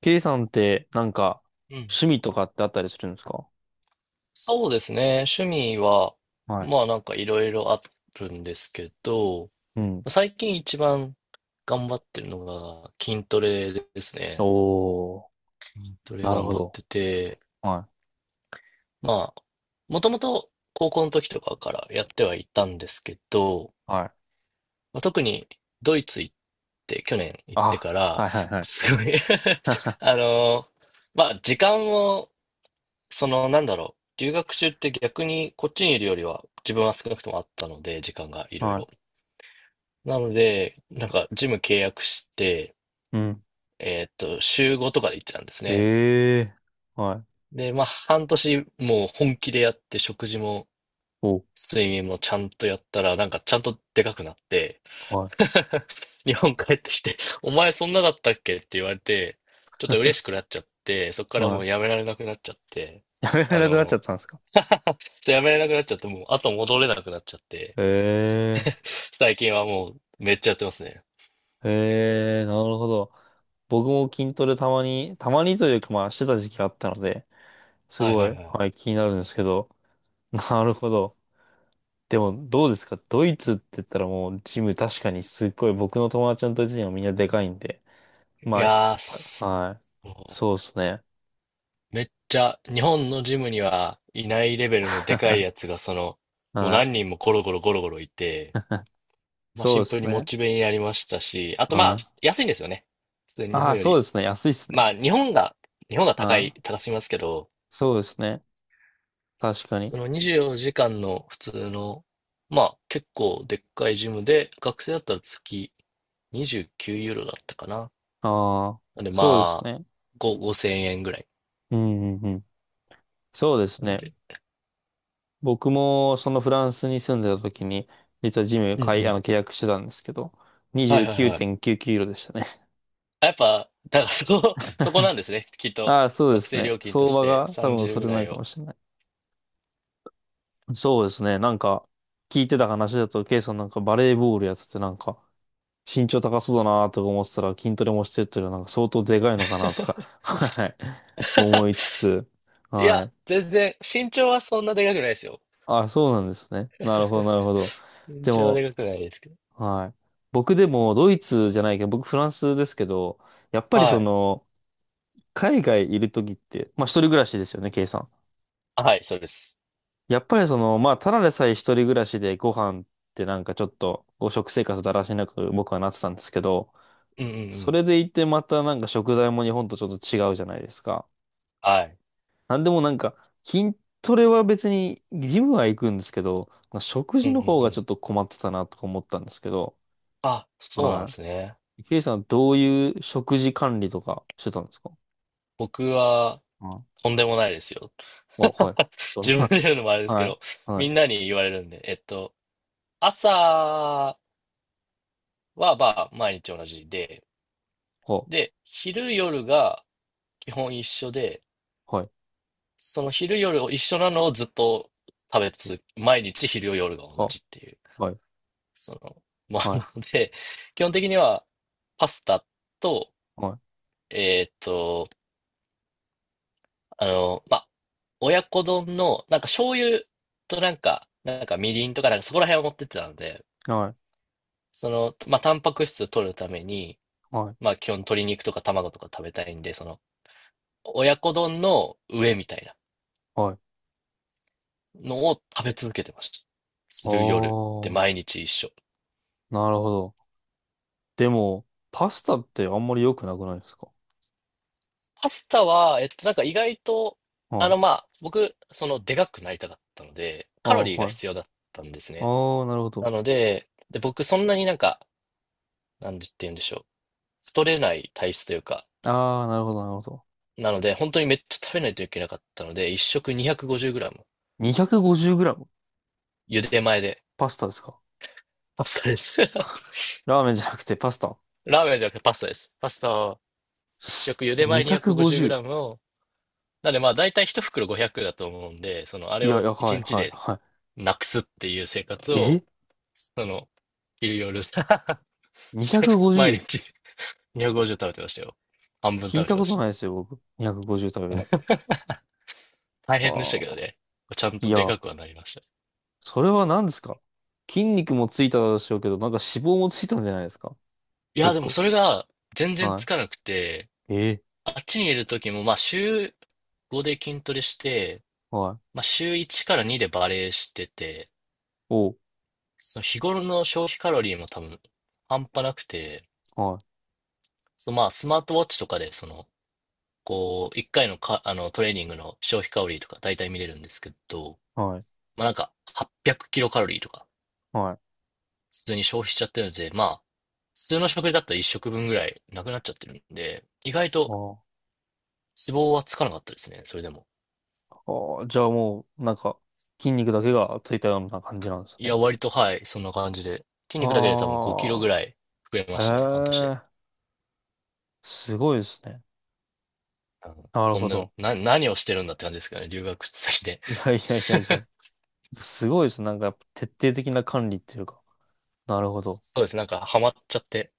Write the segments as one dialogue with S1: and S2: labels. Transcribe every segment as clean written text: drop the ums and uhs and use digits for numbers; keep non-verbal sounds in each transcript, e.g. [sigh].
S1: K さんってなんか
S2: うん。
S1: 趣味とかってあったりするんですか？
S2: そうですね。趣味は、
S1: はい。
S2: まあなんかいろいろあるんですけど、
S1: うん。
S2: 最近一番頑張ってるのが筋トレですね。
S1: おー、
S2: 筋トレ
S1: なる
S2: 頑
S1: ほ
S2: 張っ
S1: ど。
S2: てて、
S1: はい
S2: まあ、もともと高校の時とかからやってはいたんですけど、
S1: はい。
S2: まあ、特にドイツ行って、去年行って
S1: あ、
S2: から、
S1: はいはいはい。
S2: すごい [laughs] あ
S1: [laughs]
S2: のーまあ時間をその、なんだろう。留学中って逆にこっちにいるよりは自分は少なくともあったので、時間がいろい
S1: は
S2: ろ。なので、なんかジム契約して、
S1: い。うん。
S2: 週5とかで行ってたんですね。
S1: ええー。はい。
S2: で、まあ半年もう本気でやって食事も
S1: お、
S2: 睡眠もちゃんとやったら、なんかちゃんとでかくなって、
S1: はい。
S2: [laughs] 日本帰ってきて、お前そんなだったっけって言われて、ちょっと嬉しくなっちゃって、そこからも
S1: は
S2: うやめられなくなっちゃって、
S1: い。やめられ
S2: あ
S1: なくなっちゃ
S2: の、
S1: ったんですか？
S2: [laughs] やめれなくなっちゃって、もう後戻れなくなっちゃって、
S1: ええー。
S2: [laughs] 最近はもうめっちゃやってますね。
S1: ええー、なるほど。僕も筋トレたまに、たまにというかまあしてた時期があったので、す
S2: はいは
S1: ご
S2: い
S1: い、
S2: は
S1: はい、気になるんですけど。[laughs] なるほど。でも、どうですか？ドイツって言ったらもう、ジム確かにすっごい、僕の友達のドイツ人はみんなでかいんで。
S2: い。い
S1: ま
S2: やー、
S1: あ、はい。
S2: そ
S1: そうで
S2: う
S1: すね。
S2: めっちゃ日本のジムにはいないレベルのでかいや
S1: [laughs]
S2: つが、その、もう
S1: はい。
S2: 何人もゴロゴロゴロゴロいて、まあ
S1: そ
S2: シ
S1: うで
S2: ンプル
S1: す
S2: にモ
S1: ね。
S2: チベになりましたし、あとまあ
S1: はい。
S2: 安いんですよね。普通に日
S1: あ
S2: 本
S1: あ、
S2: よ
S1: そう
S2: り。
S1: ですね。安いですね。
S2: まあ日本が高
S1: は
S2: い、
S1: い。
S2: 高すぎますけど、
S1: そうですね。確かに。
S2: その24時間の普通の、まあ結構でっかいジムで、学生だったら月29ユーロだったかな。
S1: ああ、
S2: なんで
S1: そうです
S2: まあ、
S1: ね。
S2: 5、5000円ぐらい。
S1: うん、うん、うん。そうです
S2: なん
S1: ね。
S2: で。
S1: 僕もそのフランスに住んでた時に、実はジム
S2: うんう
S1: 買い、あ
S2: ん。
S1: の、契約してたんですけど、
S2: はいはいはい。
S1: 29.99ユーロでしたね。
S2: あやっぱ、だからそこ、[laughs] そこなんですね。きっ
S1: [laughs]
S2: と。
S1: ああ、そうで
S2: 学
S1: す
S2: 生
S1: ね。
S2: 料金と
S1: 相
S2: し
S1: 場
S2: て
S1: が多分
S2: 30
S1: そ
S2: ぐ
S1: れ
S2: ら
S1: なん
S2: い
S1: か
S2: を。
S1: もしれない。そうですね。なんか、聞いてた話だと、ケイさんなんかバレーボールやっててなんか、身長高そうだなとか思ってたら筋トレもしてるというのはなんか相当でかいのかなとか、
S2: [laughs]
S1: [laughs] はい。思いつつ、
S2: い
S1: は
S2: や、
S1: い。
S2: 全然、身長はそんなでかくないですよ。
S1: あ、そうなんですね。なるほど、なるほど。
S2: 身
S1: で
S2: 長は
S1: も、
S2: でかくないですけど。
S1: はい。僕でもドイツじゃないけど、僕フランスですけど、やっぱり
S2: は
S1: そ
S2: い。
S1: の、海外いるときって、まあ一人暮らしですよね、ケイさん。
S2: はい、そうです。
S1: やっぱりその、まあただでさえ一人暮らしでご飯ってなんかちょっと、食生活だらしなく僕はなってたんですけど、
S2: うんうんう
S1: そ
S2: ん。
S1: れでいてまたなんか食材も日本とちょっと違うじゃないですか。
S2: はい。
S1: なんでもなんか、筋トレは別に、ジムは行くんですけど、まあ、食
S2: う
S1: 事
S2: んう
S1: の
S2: ん
S1: 方
S2: う
S1: がちょ
S2: ん。
S1: っと困ってたなとか思ったんですけど、
S2: あ、そうなんで
S1: は
S2: すね。
S1: い。ケイさん、どういう食事管理とかしてたんですか？
S2: 僕は、
S1: はい。
S2: とんでもないですよ。
S1: あ、はい。
S2: [laughs]
S1: どん
S2: 自分で
S1: な、
S2: 言うのもあれ
S1: [laughs]
S2: ですけ
S1: はい。
S2: ど、
S1: は
S2: み
S1: い。
S2: んなに言われるんで、朝はまあ毎日同じで、
S1: は、
S2: で、昼夜が基本一緒で、
S1: はい。
S2: その昼夜を一緒なのをずっと食べ続け、毎日昼夜が同
S1: は、
S2: じっていう、その、まあ、
S1: はい。
S2: なので、基本的にはパスタと、
S1: はい。
S2: えっと、まあ親子丼の、なんか醤油となんか、なんかみりんとか、なんかそこら辺を持ってってたので、
S1: はい。
S2: その、まあ、タンパク質を取るために、
S1: はい。はい。
S2: まあ、基本鶏肉とか卵とか食べたいんで、その、親子丼の上みたいな
S1: はい。
S2: のを食べ続けてました。
S1: あ
S2: 昼夜で
S1: ー、
S2: 毎日一緒。
S1: なるほど。でも、パスタってあんまり良くなくないですか？
S2: パスタは、なんか意外と、
S1: はい。
S2: まあ、僕、その、でかくなりたかったので、
S1: あ
S2: カロリー
S1: ー、
S2: が
S1: はい。
S2: 必要だったんです
S1: あ
S2: ね。
S1: ー、なるほ
S2: な
S1: ど。
S2: ので、で、僕、そんなになんか、なんて言うんでしょう。太れない体質というか、
S1: あー、なるほど、なるほど。
S2: なので、本当にめっちゃ食べないといけなかったので、一食 250g。
S1: 250g?
S2: 茹で前で。
S1: パスタですか？
S2: パスタです。[laughs]
S1: ラーメンじゃなくてパスタ
S2: ラーメンじゃなくてパスタです。パスタを一食茹で前
S1: ?250?
S2: 250g を、なのでまあ大体一袋500だと思うんで、そのあれ
S1: いや、い
S2: を
S1: や、は
S2: 一
S1: い、
S2: 日
S1: はい、
S2: で
S1: は
S2: なくすっていう生活
S1: い。
S2: を、
S1: え
S2: その、昼夜 [laughs] 毎
S1: ?250?
S2: 日250食べてましたよ。半分
S1: 聞
S2: 食
S1: い
S2: べ
S1: た
S2: てま
S1: こ
S2: し
S1: とないで
S2: た。
S1: すよ、僕。250食べるって。
S2: 大変でし
S1: あ
S2: た
S1: あ。
S2: けどね。ちゃん
S1: い
S2: とで
S1: や、
S2: かくはなりました。
S1: それは何ですか？筋肉もついたでしょうけど、なんか脂肪もついたんじゃないですか？
S2: いや、
S1: 結
S2: でも
S1: 構。
S2: それが全然つ
S1: は
S2: かなくて、
S1: い。ええ。
S2: あっちにいる時も、まあ、週5で筋トレして、
S1: は
S2: まあ、
S1: い。
S2: 週1から2でバレエしてて、
S1: おう。
S2: その日頃の消費カロリーも多分半端なくて、
S1: は
S2: そのまあ、スマートウォッチとかで、その、こう、1回のか、トレーニングの消費カロリーとか大体見れるんですけど、
S1: い。はい。
S2: まあ、なんか800キロカロリーとか、
S1: はい。
S2: 普通に消費しちゃってるので、まあ、普通の食事だったら1食分ぐらいなくなっちゃってるんで、意外と
S1: あー
S2: 脂肪はつかなかったですね、それでも。
S1: あー。あ、じゃあもう、なんか、筋肉だけがついたような感じなんです
S2: いや、
S1: ね。
S2: 割と、はい、そんな感じで。筋
S1: あ
S2: 肉だけで多分5キロぐら
S1: あ。
S2: い増えましたね、半年で。
S1: ええ、すごいですね。
S2: うん、
S1: なる
S2: そ
S1: ほ
S2: んな、
S1: ど。
S2: 何をしてるんだって感じですけどね、留学先で。
S1: いやいやいやい
S2: [laughs]
S1: や。すごいですね。なんか、徹底的な管理っていうか。なるほど。
S2: そうです、なんかハマっちゃって、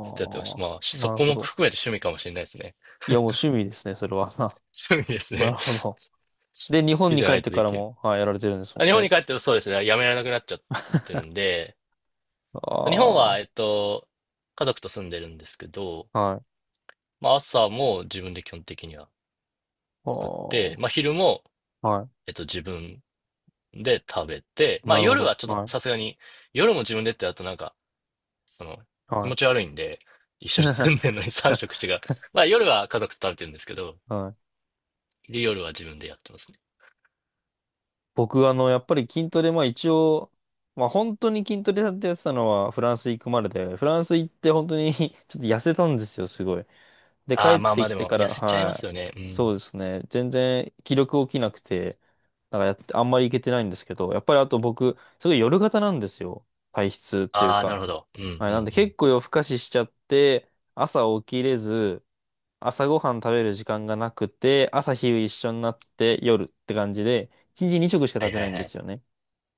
S2: ずっとやってました。まあ、
S1: あ。
S2: そ
S1: なる
S2: こ
S1: ほ
S2: も
S1: ど。
S2: 含めて趣味かもしれないですね。
S1: いや、もう趣味ですね、それは。[laughs]
S2: 趣味です
S1: な
S2: ね。
S1: るほど。で、
S2: [laughs]
S1: 日
S2: 好
S1: 本
S2: き
S1: に
S2: じゃ
S1: 帰
S2: な
S1: っ
S2: い
S1: て
S2: と
S1: か
S2: で
S1: ら
S2: きる。
S1: も、はい、やられてるんです
S2: あ、
S1: も
S2: 日
S1: ん
S2: 本
S1: ね。
S2: に帰ってもそうですね、やめられなくなっちゃってるんで、日本
S1: あ
S2: は、家族と住んでるんですけど、
S1: あ、はい。
S2: まあ、朝も自分で基本的には作って、
S1: あ
S2: まあ、昼も、
S1: あ、はい。
S2: 自分で、食べて、まあ
S1: なるほ
S2: 夜
S1: ど。
S2: はちょっと
S1: は
S2: さす
S1: い。
S2: がに、夜も自分でってやるとなんか、その、気
S1: は
S2: 持ち悪いんで、一
S1: い。
S2: 緒に住んでる
S1: [laughs]
S2: のに [laughs] 3食違う。まあ夜は家族と食べてるんですけど、
S1: はい。
S2: で、夜は自分でやってますね。
S1: 僕、やっぱり筋トレ、まあ一応、まあ本当に筋トレやってたのはフランス行くまでで、フランス行って本当に [laughs] ちょっと痩せたんですよ、すごい。で、帰
S2: ああ、
S1: っ
S2: まあま
S1: て
S2: あ
S1: き
S2: で
S1: て
S2: も、
S1: か
S2: 痩
S1: ら、
S2: せちゃいます
S1: はい。
S2: よね。う
S1: そう
S2: ん。
S1: ですね。全然気力起きなくて、なんかやって、あんまり行けてないんですけど、やっぱりあと僕、すごい夜型なんですよ。体質っていう
S2: ああ、な
S1: か。
S2: るほど。うんうんう
S1: はい、なんで
S2: ん。
S1: 結構夜更かししちゃって、朝起きれず、朝ごはん食べる時間がなくて、朝昼一緒になって夜って感じで、一日二食しか
S2: は
S1: 食
S2: い
S1: べ
S2: は
S1: な
S2: い
S1: いん
S2: は
S1: で
S2: い。
S1: すよね。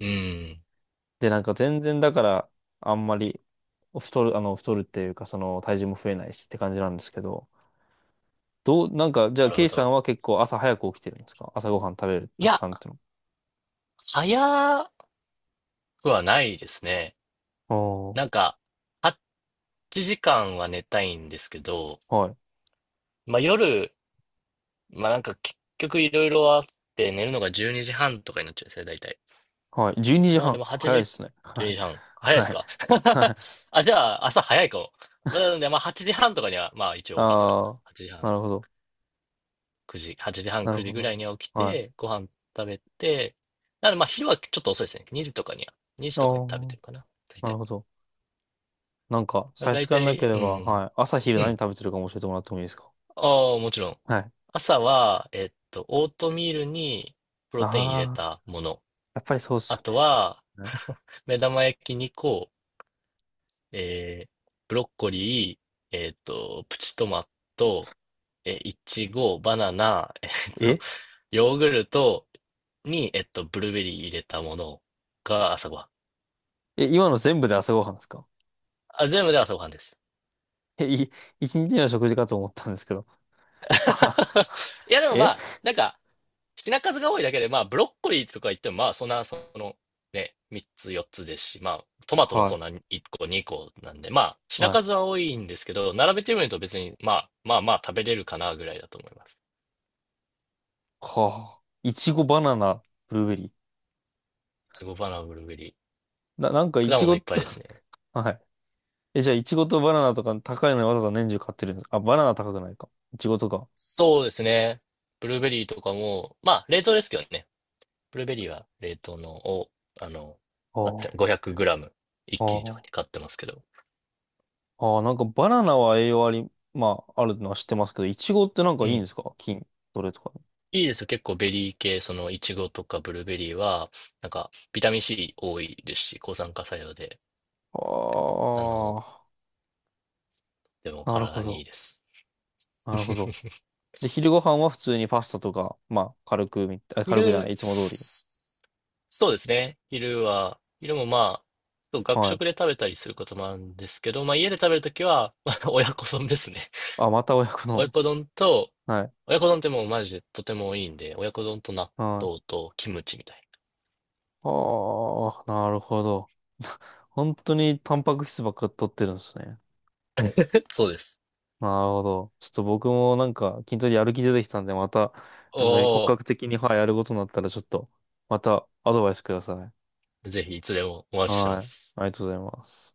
S2: うん。
S1: で、なんか全然だから、あんまり太るっていうか、その体重も増えないしって感じなんですけど、なんか、じゃあ、
S2: なる
S1: ケ
S2: ほ
S1: イシさん
S2: ど。
S1: は結構朝早く起きてるんですか？朝ごはん食べる、
S2: い
S1: たく
S2: や、
S1: さんっての。
S2: 早くはないですね。
S1: あ
S2: なんか、8時間は寝たいんですけど、
S1: あ、はい。
S2: まあ夜、まあなんか結局いろいろあって寝るのが12時半とかになっちゃうんですね、大体。
S1: はい。12時
S2: なのでも
S1: 半。
S2: う8
S1: 早いで
S2: 時、
S1: すね。
S2: 12時半。
S1: [laughs]
S2: 早いで
S1: は
S2: す
S1: い。
S2: か？
S1: はい。はい。
S2: [laughs] あ、じゃあ朝早いかも。まあなのでまあ8時半とかにはまあ一応起きてはいま
S1: あ
S2: す。8時
S1: あ、な
S2: 半、
S1: るほど。
S2: 9時、8時半、
S1: な
S2: 9
S1: る
S2: 時
S1: ほ
S2: ぐら
S1: ど。
S2: いには起き
S1: は
S2: て、ご飯食べて、なのでまあ昼はちょっと遅いですね。2時とかには、2時
S1: い。あ
S2: とかに食べてるか
S1: あ、
S2: な、大
S1: なる
S2: 体。
S1: ほど。なんか、差し
S2: 大
S1: 支えなけ
S2: 体、
S1: れ
S2: う
S1: ば、
S2: ん。
S1: はい。朝昼
S2: う
S1: 何
S2: ん。
S1: 食べてるかも教えてもらってもいいですか？
S2: ああ、もちろん。
S1: はい。
S2: 朝は、オートミールにプ
S1: あ
S2: ロテイン入れ
S1: あ、
S2: たもの。
S1: やっぱりそうです
S2: あ
S1: よ
S2: と
S1: ね。
S2: は、
S1: はい。
S2: [laughs] 目玉焼き2個、えーブロッコリー、プチトマト、いちご、バナナ、と、
S1: え
S2: ヨーグルトに、ブルーベリー入れたものが朝ごはん。
S1: え、今の全部で朝ごはんですか？
S2: あ、全部で朝ごはんです。
S1: え、一日の食事かと思ったんですけど。あはは。
S2: [laughs] いや、でもま
S1: え、
S2: あ、なんか、品数が多いだけで、まあ、ブロッコリーとか言っても、まあ、そんな、その、ね、3つ、4つですし、まあ、トマトも
S1: は
S2: そん
S1: い。
S2: な1個、2個なんで、まあ、品
S1: は
S2: 数
S1: い。
S2: は多いんですけど、並べてみると別に、まあ、まあまあ食べれるかな、ぐらいだと思います。
S1: はあ。いちご、バナナ、ブルーベリ
S2: いちごバナナ、ブルーベリー。
S1: ー。なんかい
S2: 果
S1: ち
S2: 物い
S1: ご
S2: っぱい
S1: と、
S2: ですね。
S1: [laughs] はい。え、じゃあ、いちごとバナナとか高いのにわざわざ年中買ってるんですか？あ、バナナ高くないか。いちごとか。
S2: そうですね。ブルーベリーとかも、まあ、冷凍ですけどね。ブルーベリーは冷凍のを、あの、
S1: あ
S2: 買って、
S1: あ、
S2: 500グラム一気にとか
S1: あ
S2: に買ってますけど。
S1: あ、ああ、なんかバナナは栄養あり、まあ、あるのは知ってますけど、いちごってなんか
S2: う
S1: いいんで
S2: ん。
S1: すか？筋トレとかに。
S2: いいですよ。結構ベリー系、そのイチゴとかブルーベリーは、なんかビタミン C 多いですし、抗酸化作用で、あの、
S1: あ
S2: でも
S1: あ、なるほ
S2: 体にい
S1: ど。
S2: いです。
S1: なるほど。
S2: [laughs]
S1: で、昼ご飯は普通にパスタとか、まあ、軽くみたい、あ軽くじゃな
S2: 昼、
S1: い、いつも通り。
S2: そうですね。昼は、昼もまあ、そう学
S1: はい。
S2: 食で食べたりすることもあるんですけど、まあ家で食べるときは、[laughs] まあ親子丼ですね。
S1: あ、また親子
S2: [laughs] 親
S1: の。
S2: 子丼と、
S1: [laughs] はい。
S2: 親子丼ってもうマジでとてもいいんで、親子丼と納
S1: は
S2: 豆
S1: い。
S2: とキムチみたいな。
S1: ああ、なるほど。[laughs] 本当にタンパク質ばっか取ってるんですね。
S2: [laughs] そうです。
S1: なるほど。ちょっと僕もなんか筋トレやる気出てきたんで、また、なんか骨
S2: お
S1: 格的に、はい、やることになったら、ちょっと、またアドバイスください。
S2: ー、ぜひいつでもお待ちしてま
S1: はい。
S2: す。
S1: ありがとうございます。